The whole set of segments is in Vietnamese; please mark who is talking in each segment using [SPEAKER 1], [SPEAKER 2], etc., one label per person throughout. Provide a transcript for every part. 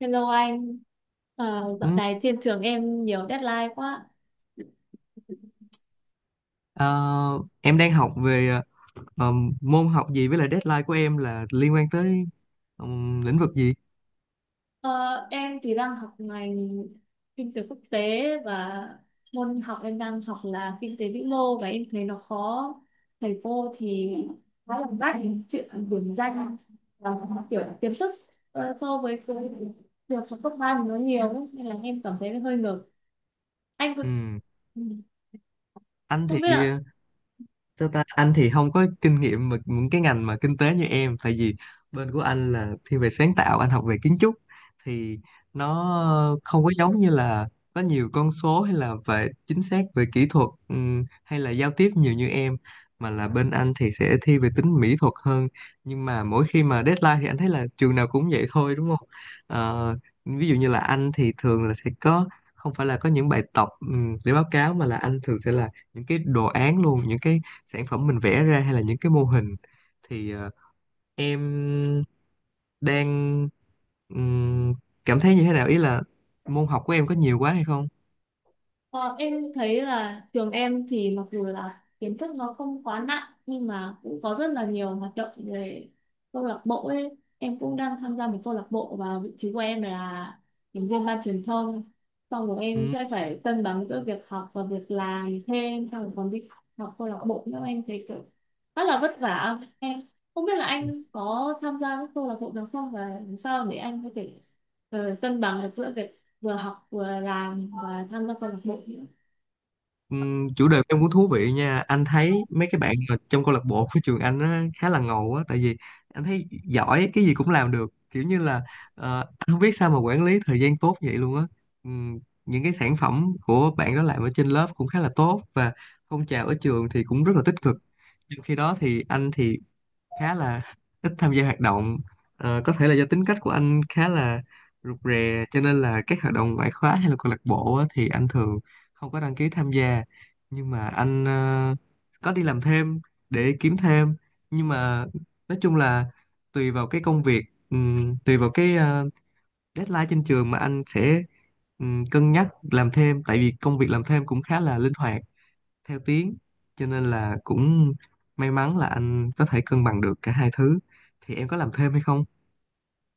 [SPEAKER 1] Hello anh. Ờ,
[SPEAKER 2] Ừ.
[SPEAKER 1] dạo này trên trường em nhiều deadline quá.
[SPEAKER 2] ờ, em đang học về ờ, môn học gì với lại deadline của em là liên quan tới lĩnh vực gì?
[SPEAKER 1] Ờ, em thì đang học ngành kinh tế quốc tế, và môn học em đang học là kinh tế vĩ mô, và em thấy nó khó. Thầy cô thì khá là bắt chuyện điểm danh, và kiểu kiến thức so với cái việc học cấp ba thì nó nhiều ấy, nên là em cảm thấy hơi ngợp. Anh có-
[SPEAKER 2] Ừ.
[SPEAKER 1] ừ,
[SPEAKER 2] Anh thì,
[SPEAKER 1] Không biết là.
[SPEAKER 2] sao ta, anh thì không có kinh nghiệm mà những cái ngành mà kinh tế như em, tại vì bên của anh là thiên về sáng tạo, anh học về kiến trúc, thì nó không có giống như là có nhiều con số hay là về chính xác về kỹ thuật, hay là giao tiếp nhiều như em, mà là bên anh thì sẽ thi về tính mỹ thuật hơn. Nhưng mà mỗi khi mà deadline thì anh thấy là trường nào cũng vậy thôi, đúng không? Ờ, Ví dụ như là anh thì thường là sẽ có, không phải là có những bài tập để báo cáo, mà là anh thường sẽ là những cái đồ án luôn, những cái sản phẩm mình vẽ ra hay là những cái mô hình. Thì em đang ừm, cảm thấy như thế nào, ý là môn học của em có nhiều quá hay không?
[SPEAKER 1] Ờ, em thấy là trường em thì mặc dù là kiến thức nó không quá nặng nhưng mà cũng có rất là nhiều hoạt động về câu lạc bộ ấy. Em cũng đang tham gia một câu lạc bộ và vị trí của em là thành viên ban truyền thông. Xong rồi em
[SPEAKER 2] Ừm,
[SPEAKER 1] sẽ phải cân bằng giữa việc học và việc làm thêm, xong rồi còn đi học câu lạc bộ nữa, em thấy kiểu rất là vất vả. Em không biết là anh có tham gia các câu lạc bộ nào không, và làm sao để anh có thể cân bằng được giữa việc vừa học vừa làm và tham gia câu lạc bộ.
[SPEAKER 2] Chủ đề của em cũng thú vị nha. Anh thấy mấy cái bạn mà trong câu lạc bộ của trường anh á, khá là ngầu á, tại vì anh thấy giỏi cái gì cũng làm được, kiểu như là anh không biết sao mà quản lý thời gian tốt vậy luôn á. Ừm, những cái sản phẩm của bạn đó làm ở trên lớp cũng khá là tốt, và phong trào ở trường thì cũng rất là tích cực. Trong khi đó thì anh thì khá là ít tham gia hoạt động. Ờ, có thể là do tính cách của anh khá là rụt rè, cho nên là các hoạt động ngoại khóa hay là câu lạc bộ á, thì anh thường không có đăng ký tham gia. Nhưng mà anh có đi làm thêm để kiếm thêm. Nhưng mà nói chung là tùy vào cái công việc, tùy vào cái deadline trên trường mà anh sẽ cân nhắc làm thêm, tại vì công việc làm thêm cũng khá là linh hoạt theo tiếng, cho nên là cũng may mắn là anh có thể cân bằng được cả hai thứ. Thì em có làm thêm hay không?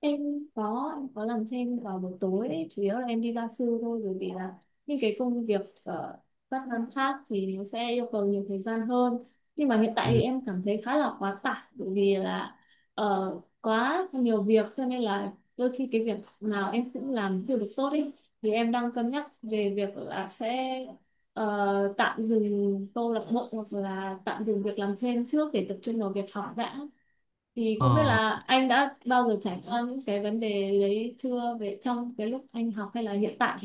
[SPEAKER 1] Em có em có làm thêm vào buổi tối ấy. Chủ yếu là em đi gia sư thôi, bởi vì là những cái công việc ở các năm khác thì nó sẽ yêu cầu nhiều thời gian hơn. Nhưng mà hiện tại thì
[SPEAKER 2] Ừ.
[SPEAKER 1] em cảm thấy khá là quá tải, bởi vì là ờ, quá nhiều việc, cho nên là đôi khi cái việc nào em cũng làm chưa được tốt ấy. Thì em đang cân nhắc về việc là sẽ tạm dừng câu lạc bộ hoặc là tạm dừng việc làm thêm trước, để tập trung vào việc học đã. Thì không biết
[SPEAKER 2] ờ,
[SPEAKER 1] là anh đã bao giờ trải qua những cái vấn đề đấy chưa, về trong cái lúc anh học hay là hiện tại.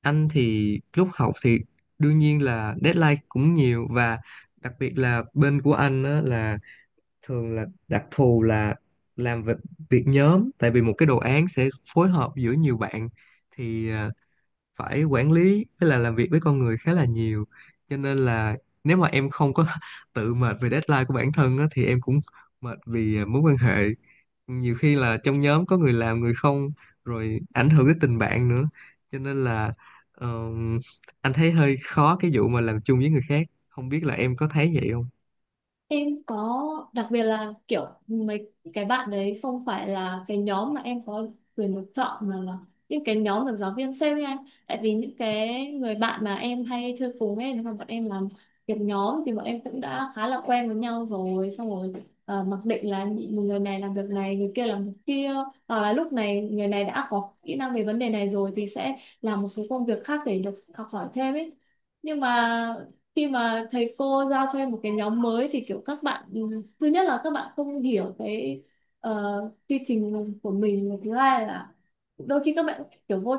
[SPEAKER 2] anh thì lúc học thì đương nhiên là deadline cũng nhiều, và đặc biệt là bên của anh á, là thường là đặc thù là làm việc, việc nhóm, tại vì một cái đồ án sẽ phối hợp giữa nhiều bạn. Thì phải quản lý với là làm việc với con người khá là nhiều, cho nên là nếu mà em không có tự mệt về deadline của bản thân á, thì em cũng mệt vì mối quan hệ, nhiều khi là trong nhóm có người làm người không, rồi ảnh hưởng tới tình bạn nữa. Cho nên là ờm, anh thấy hơi khó cái vụ mà làm chung với người khác. Không biết là em có thấy vậy không?
[SPEAKER 1] Em có, đặc biệt là kiểu mấy cái bạn đấy không phải là cái nhóm mà em có quyền được chọn, mà là những cái nhóm được giáo viên sale nha. Tại vì những cái người bạn mà em hay chơi cùng ấy, nếu mà bọn em làm việc nhóm thì bọn em cũng đã khá là quen với nhau rồi. Xong rồi mặc định là một người này làm việc này, người kia làm việc kia. Hoặc là lúc này người này đã có kỹ năng về vấn đề này rồi thì sẽ làm một số công việc khác để được học hỏi thêm ấy. Nhưng mà khi mà thầy cô giao cho em một cái nhóm mới thì kiểu các bạn thứ nhất là các bạn không hiểu cái ờ, quy trình của mình, và thứ hai là đôi khi các bạn kiểu vô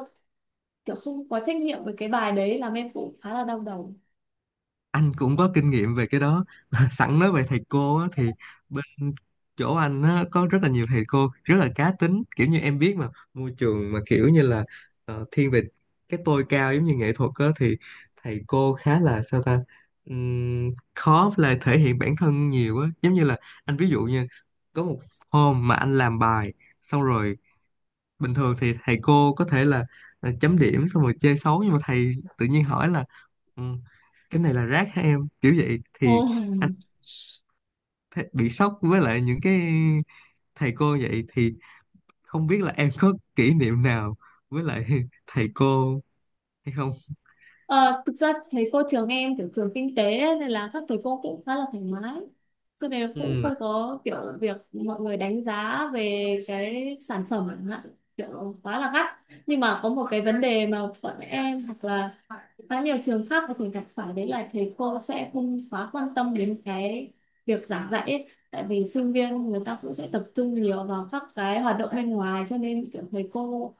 [SPEAKER 1] kiểu không có trách nhiệm với cái bài đấy, làm em cũng khá là đau đầu.
[SPEAKER 2] Anh cũng có kinh nghiệm về cái đó. Sẵn nói về thầy cô á, thì bên chỗ anh á, có rất là nhiều thầy cô rất là cá tính, kiểu như em biết mà, môi trường mà kiểu như là thiên về cái tôi cao giống như nghệ thuật á, thì thầy cô khá là sao ta. Khó là thể hiện bản thân nhiều á, giống như là anh ví dụ như có một hôm mà anh làm bài xong rồi, bình thường thì thầy cô có thể là chấm điểm xong rồi chê xấu, nhưng mà thầy tự nhiên hỏi là "Ừ, cái này là rác hả em?" kiểu vậy.
[SPEAKER 1] Ồ.
[SPEAKER 2] Thì anh bị sốc với lại những cái thầy cô vậy. Thì không biết là em có kỷ niệm nào với lại thầy cô hay không?
[SPEAKER 1] Ờ, thực ra thầy cô trường em kiểu trường kinh tế ấy, nên là các thầy cô cũng khá là thoải mái, cho nên cũng
[SPEAKER 2] Ừ.
[SPEAKER 1] không có kiểu việc mọi người đánh giá về cái sản phẩm chẳng hạn, kiểu quá là gắt. Nhưng mà có một cái vấn đề mà bọn em hoặc là khá nhiều trường khác có thể gặp phải, đấy là thầy cô sẽ không quá quan tâm đến cái việc giảng dạy ấy. Tại vì sinh viên người ta cũng sẽ tập trung nhiều vào các cái hoạt động bên ngoài, cho nên kiểu thầy cô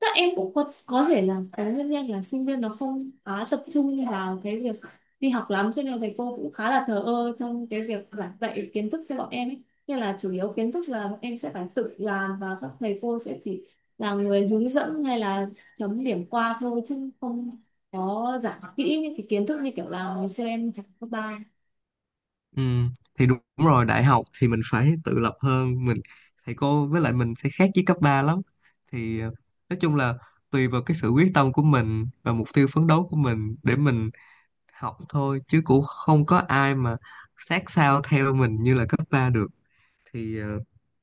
[SPEAKER 1] các em cũng có thể là cái nguyên nhân là sinh viên nó không quá tập trung vào cái việc đi học lắm, cho nên là thầy cô cũng khá là thờ ơ trong cái việc giảng dạy kiến thức cho bọn em ấy. Nên là chủ yếu kiến thức là bọn em sẽ phải tự làm, và các thầy cô sẽ chỉ là người hướng dẫn hay là chấm điểm qua thôi, chứ không có giảng kỹ những cái kiến thức như kiểu là ngày xưa em học cấp ba.
[SPEAKER 2] ừ, thì đúng rồi, đại học thì mình phải tự lập hơn, mình thầy cô với lại mình sẽ khác với cấp 3 lắm. Thì nói chung là tùy vào cái sự quyết tâm của mình và mục tiêu phấn đấu của mình để mình học thôi, chứ cũng không có ai mà sát sao theo mình như là cấp 3 được. Thì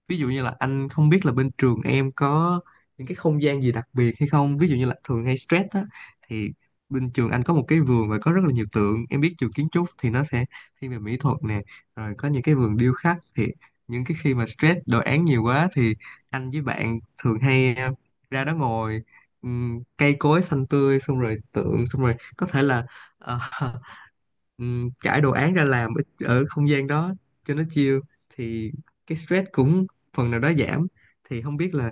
[SPEAKER 2] ví dụ như là anh không biết là bên trường em có những cái không gian gì đặc biệt hay không, ví dụ như là thường hay stress á, thì bên trường anh có một cái vườn và có rất là nhiều tượng. Em biết trường kiến trúc thì nó sẽ thiên về mỹ thuật nè, rồi có những cái vườn điêu khắc. Thì những cái khi mà stress đồ án nhiều quá, thì anh với bạn thường hay ra đó ngồi, cây cối xanh tươi, xong rồi tượng, xong rồi có thể là ờ, trải đồ án ra làm ở, ở không gian đó cho nó chill, thì cái stress cũng phần nào đó giảm. Thì không biết là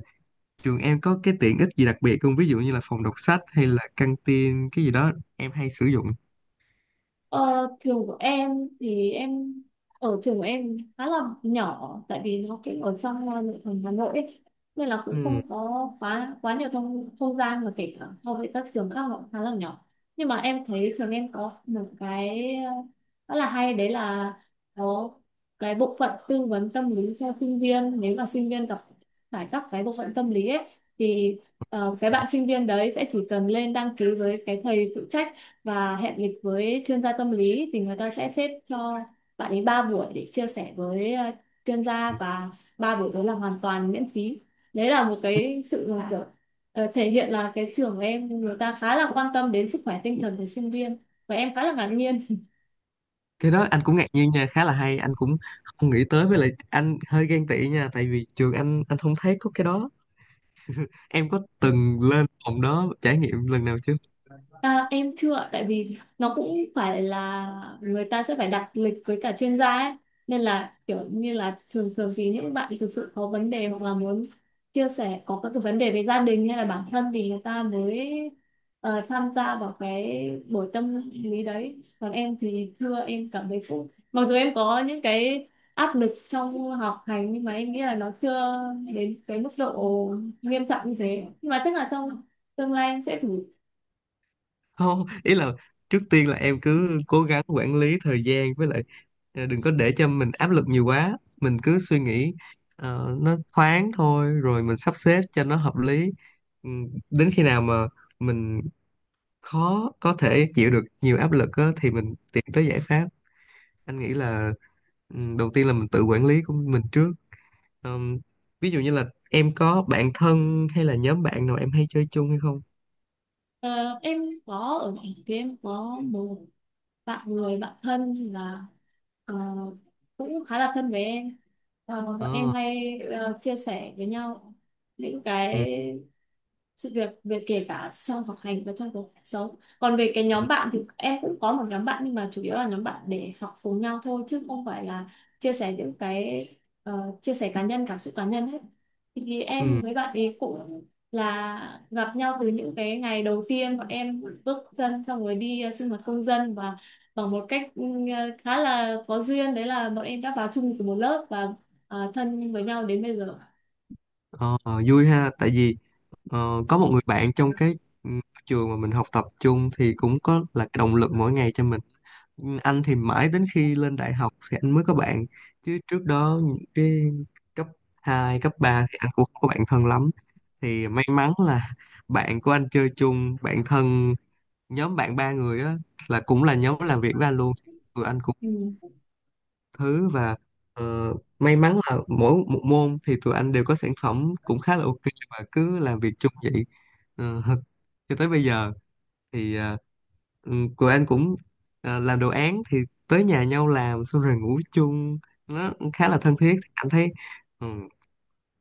[SPEAKER 2] trường em có cái tiện ích gì đặc biệt không, ví dụ như là phòng đọc sách hay là căng tin cái gì đó em hay sử dụng?
[SPEAKER 1] Ờ, trường của em thì em ở trường của em khá là nhỏ, tại vì nó cũng ở trong nội thành Hà Nội ấy. Nên là cũng
[SPEAKER 2] Ừm.
[SPEAKER 1] không có quá quá nhiều không không gian, mà kể cả so với các trường khác họ cũng khá là nhỏ. Nhưng mà em thấy trường em có một cái rất là hay, đấy là có cái bộ phận tư vấn tâm lý cho sinh viên. Nếu mà sinh viên gặp phải các cái bộ phận tâm lý ấy thì cái bạn sinh viên đấy sẽ chỉ cần lên đăng ký với cái thầy phụ trách và hẹn lịch với chuyên gia tâm lý, thì người ta sẽ xếp cho bạn ấy 3 buổi để chia sẻ với chuyên gia, và ba buổi đó là hoàn toàn miễn phí. Đấy là một cái sự là kiểu, thể hiện là cái trường của em người ta khá là quan tâm đến sức khỏe tinh thần của sinh viên, và em khá là ngạc nhiên.
[SPEAKER 2] Cái đó anh cũng ngạc nhiên nha, khá là hay. Anh cũng không nghĩ tới, với lại anh hơi ghen tị nha, tại vì trường anh không thấy có cái đó. Em có từng lên phòng đó trải nghiệm lần nào chưa?
[SPEAKER 1] À, em chưa ạ, tại vì nó cũng phải là người ta sẽ phải đặt lịch với cả chuyên gia ấy. Nên là kiểu như là thường thường thì những bạn thực sự có vấn đề hoặc là muốn chia sẻ, có các cái vấn đề về gia đình hay là bản thân, thì người ta mới tham gia vào cái buổi tâm lý đấy. Còn em thì chưa, em cảm thấy cũng mặc dù em có những cái áp lực trong học hành, nhưng mà em nghĩ là nó chưa đến cái mức độ nghiêm trọng như thế. Nhưng mà chắc là trong tương lai em sẽ thử.
[SPEAKER 2] Không, ý là trước tiên là em cứ cố gắng quản lý thời gian, với lại đừng có để cho mình áp lực nhiều quá, mình cứ suy nghĩ nó thoáng thôi, rồi mình sắp xếp cho nó hợp lý. Ừ, đến khi nào mà mình khó có thể chịu được nhiều áp lực á, thì mình tìm tới giải pháp. Anh nghĩ là đầu tiên là mình tự quản lý của mình trước. Ờm, Ví dụ như là em có bạn thân hay là nhóm bạn nào em hay chơi chung hay không?
[SPEAKER 1] Ờ, em có ở thành kia, em có một bạn, người bạn thân là ờ, cũng khá là thân với em. Ờ, bọn em
[SPEAKER 2] Ờ,
[SPEAKER 1] hay chia sẻ với nhau những
[SPEAKER 2] ừ.
[SPEAKER 1] cái sự việc về kể cả trong học hành và trong cuộc sống. Còn về cái nhóm bạn thì em cũng có một nhóm bạn, nhưng mà chủ yếu là nhóm bạn để học cùng nhau thôi, chứ không phải là chia sẻ những cái ờ, chia sẻ cá nhân, cảm xúc cá nhân hết. Thì em
[SPEAKER 2] Ừ.
[SPEAKER 1] với bạn ấy cũng là gặp nhau từ những cái ngày đầu tiên bọn em bước chân, xong rồi đi sinh hoạt công dân. Và bằng một cách khá là có duyên, đấy là bọn em đã vào chung từ một lớp và thân với nhau đến bây giờ.
[SPEAKER 2] Ờ, vui ha, tại vì có một người bạn trong cái ừ, trường mà mình học tập chung, thì cũng có là cái động lực mỗi ngày cho mình. Ừ, anh thì mãi đến khi lên đại học thì anh mới có bạn, chứ trước đó những cái cấp 2 cấp 3 thì anh cũng không có bạn thân lắm. Thì may mắn là bạn của anh chơi chung bạn thân, nhóm bạn ba người á, là cũng là nhóm làm việc với anh luôn. Tụi anh
[SPEAKER 1] Ừ.
[SPEAKER 2] thứ và may mắn là mỗi một môn thì tụi anh đều có sản phẩm cũng khá là ok, và cứ làm việc chung vậy. Ờ, cho tới bây giờ. Thì tụi anh cũng làm đồ án thì tới nhà nhau làm, xong rồi ngủ chung, nó khá là thân thiết. Anh thấy ừm,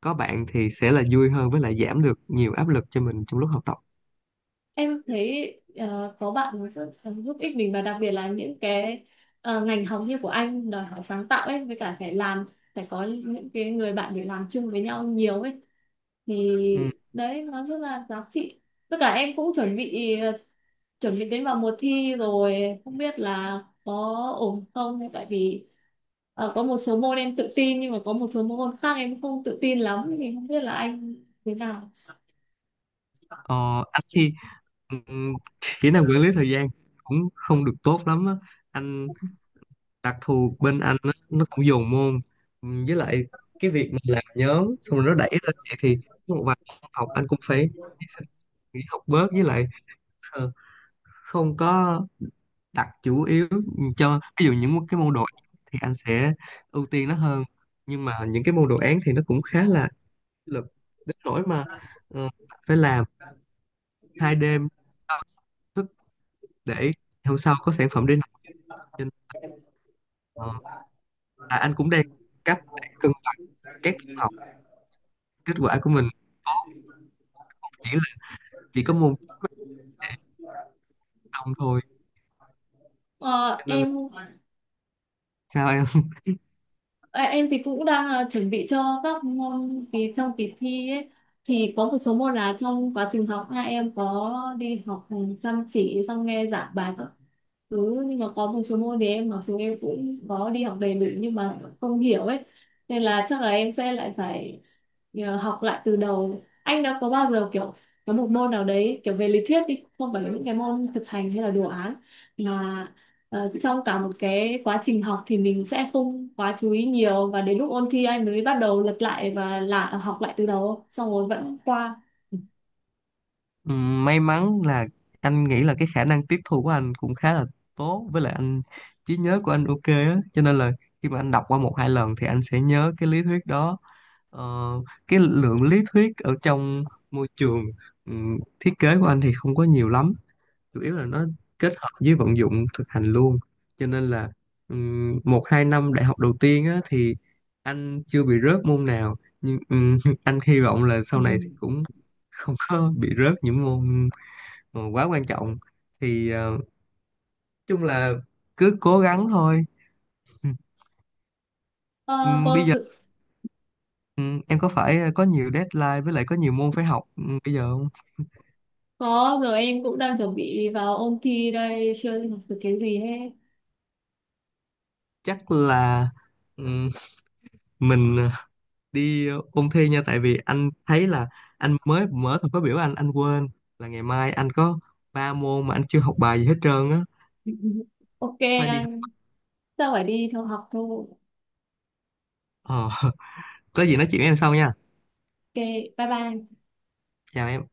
[SPEAKER 2] có bạn thì sẽ là vui hơn, với lại giảm được nhiều áp lực cho mình trong lúc học tập.
[SPEAKER 1] Em thấy có bạn nó rất là giúp ích mình, và đặc biệt là những cái ngành học như của anh đòi hỏi sáng tạo ấy, với cả phải làm, phải có những cái người bạn để làm chung với nhau nhiều ấy, thì đấy nó rất là giá trị. Tất cả em cũng chuẩn bị chuẩn bị đến vào mùa thi rồi, không biết là có ổn không. Tại vì có một số môn em tự tin, nhưng mà có một số môn khác em không tự tin lắm, thì không biết là anh thế nào.
[SPEAKER 2] Ờ, anh thì ừm, kỹ năng quản lý thời gian cũng không được tốt lắm á. Anh đặc thù bên anh á, nó cũng dồn môn. Với lại cái việc mình làm nhóm xong rồi nó đẩy lên vậy, thì có một vài môn học anh cũng phải hy sinh, nghỉ học bớt, với lại ờ, không có đặt chủ yếu cho, ví dụ những cái môn đồ án thì anh sẽ ưu tiên nó hơn. Nhưng mà những cái môn đồ án thì nó cũng khá là lực đến nỗi mà ờ, phải làm 2 đêm đau thức để hôm sau có sản phẩm để nộp trên. ờ, anh cũng đang cách để cân bằng các kết quả của mình tốt, chỉ là chỉ có môn đồng thôi.
[SPEAKER 1] Ờ,
[SPEAKER 2] Cho nên là
[SPEAKER 1] em
[SPEAKER 2] sao em.
[SPEAKER 1] À, em thì cũng đang chuẩn bị cho các môn kỳ trong kỳ thi ấy. Thì có một số môn là trong quá trình học hai em có đi học chăm chỉ, xong nghe giảng bài. Ừ, nhưng mà có một số môn thì em mặc dù em cũng có đi học đầy đủ nhưng mà không hiểu ấy, nên là chắc là em sẽ lại phải học lại từ đầu. Anh đã có bao giờ kiểu có một môn nào đấy kiểu về lý thuyết đi, không phải là những cái môn thực hành hay là đồ án, mà trong cả một cái quá trình học thì mình sẽ không quá chú ý nhiều, và đến lúc ôn thi anh mới bắt đầu lật lại và là học lại từ đầu xong rồi vẫn qua?
[SPEAKER 2] May mắn là anh nghĩ là cái khả năng tiếp thu của anh cũng khá là tốt, với lại anh trí nhớ của anh ok á, cho nên là khi mà anh đọc qua một hai lần thì anh sẽ nhớ cái lý thuyết đó. Ờ, cái lượng lý thuyết ở trong môi trường thiết kế của anh thì không có nhiều lắm, chủ yếu là nó kết hợp với vận dụng thực hành luôn. Cho nên là một hai năm đại học đầu tiên á, thì anh chưa bị rớt môn nào. Nhưng anh hy vọng là sau này thì cũng không có bị rớt những môn mà quá quan trọng. Thì nói chung là cứ cố gắng thôi. Ừm,
[SPEAKER 1] Ờ,
[SPEAKER 2] Bây
[SPEAKER 1] vâng
[SPEAKER 2] giờ
[SPEAKER 1] sự
[SPEAKER 2] em có phải có nhiều deadline, với lại có nhiều môn phải học bây giờ không?
[SPEAKER 1] Có rồi, em cũng đang chuẩn bị vào ôn thi đây, chưa học được cái gì hết.
[SPEAKER 2] Chắc là ừm, mình đi ôn thi nha, tại vì anh thấy là anh mới mở thời khóa biểu, anh quên là ngày mai anh có 3 môn mà anh chưa học bài gì hết trơn á,
[SPEAKER 1] Ok
[SPEAKER 2] phải đi học.
[SPEAKER 1] anh, tôi phải đi thôi học thôi.
[SPEAKER 2] ờ, có gì nói chuyện với em sau nha.
[SPEAKER 1] Ok, bye bye.
[SPEAKER 2] Chào em.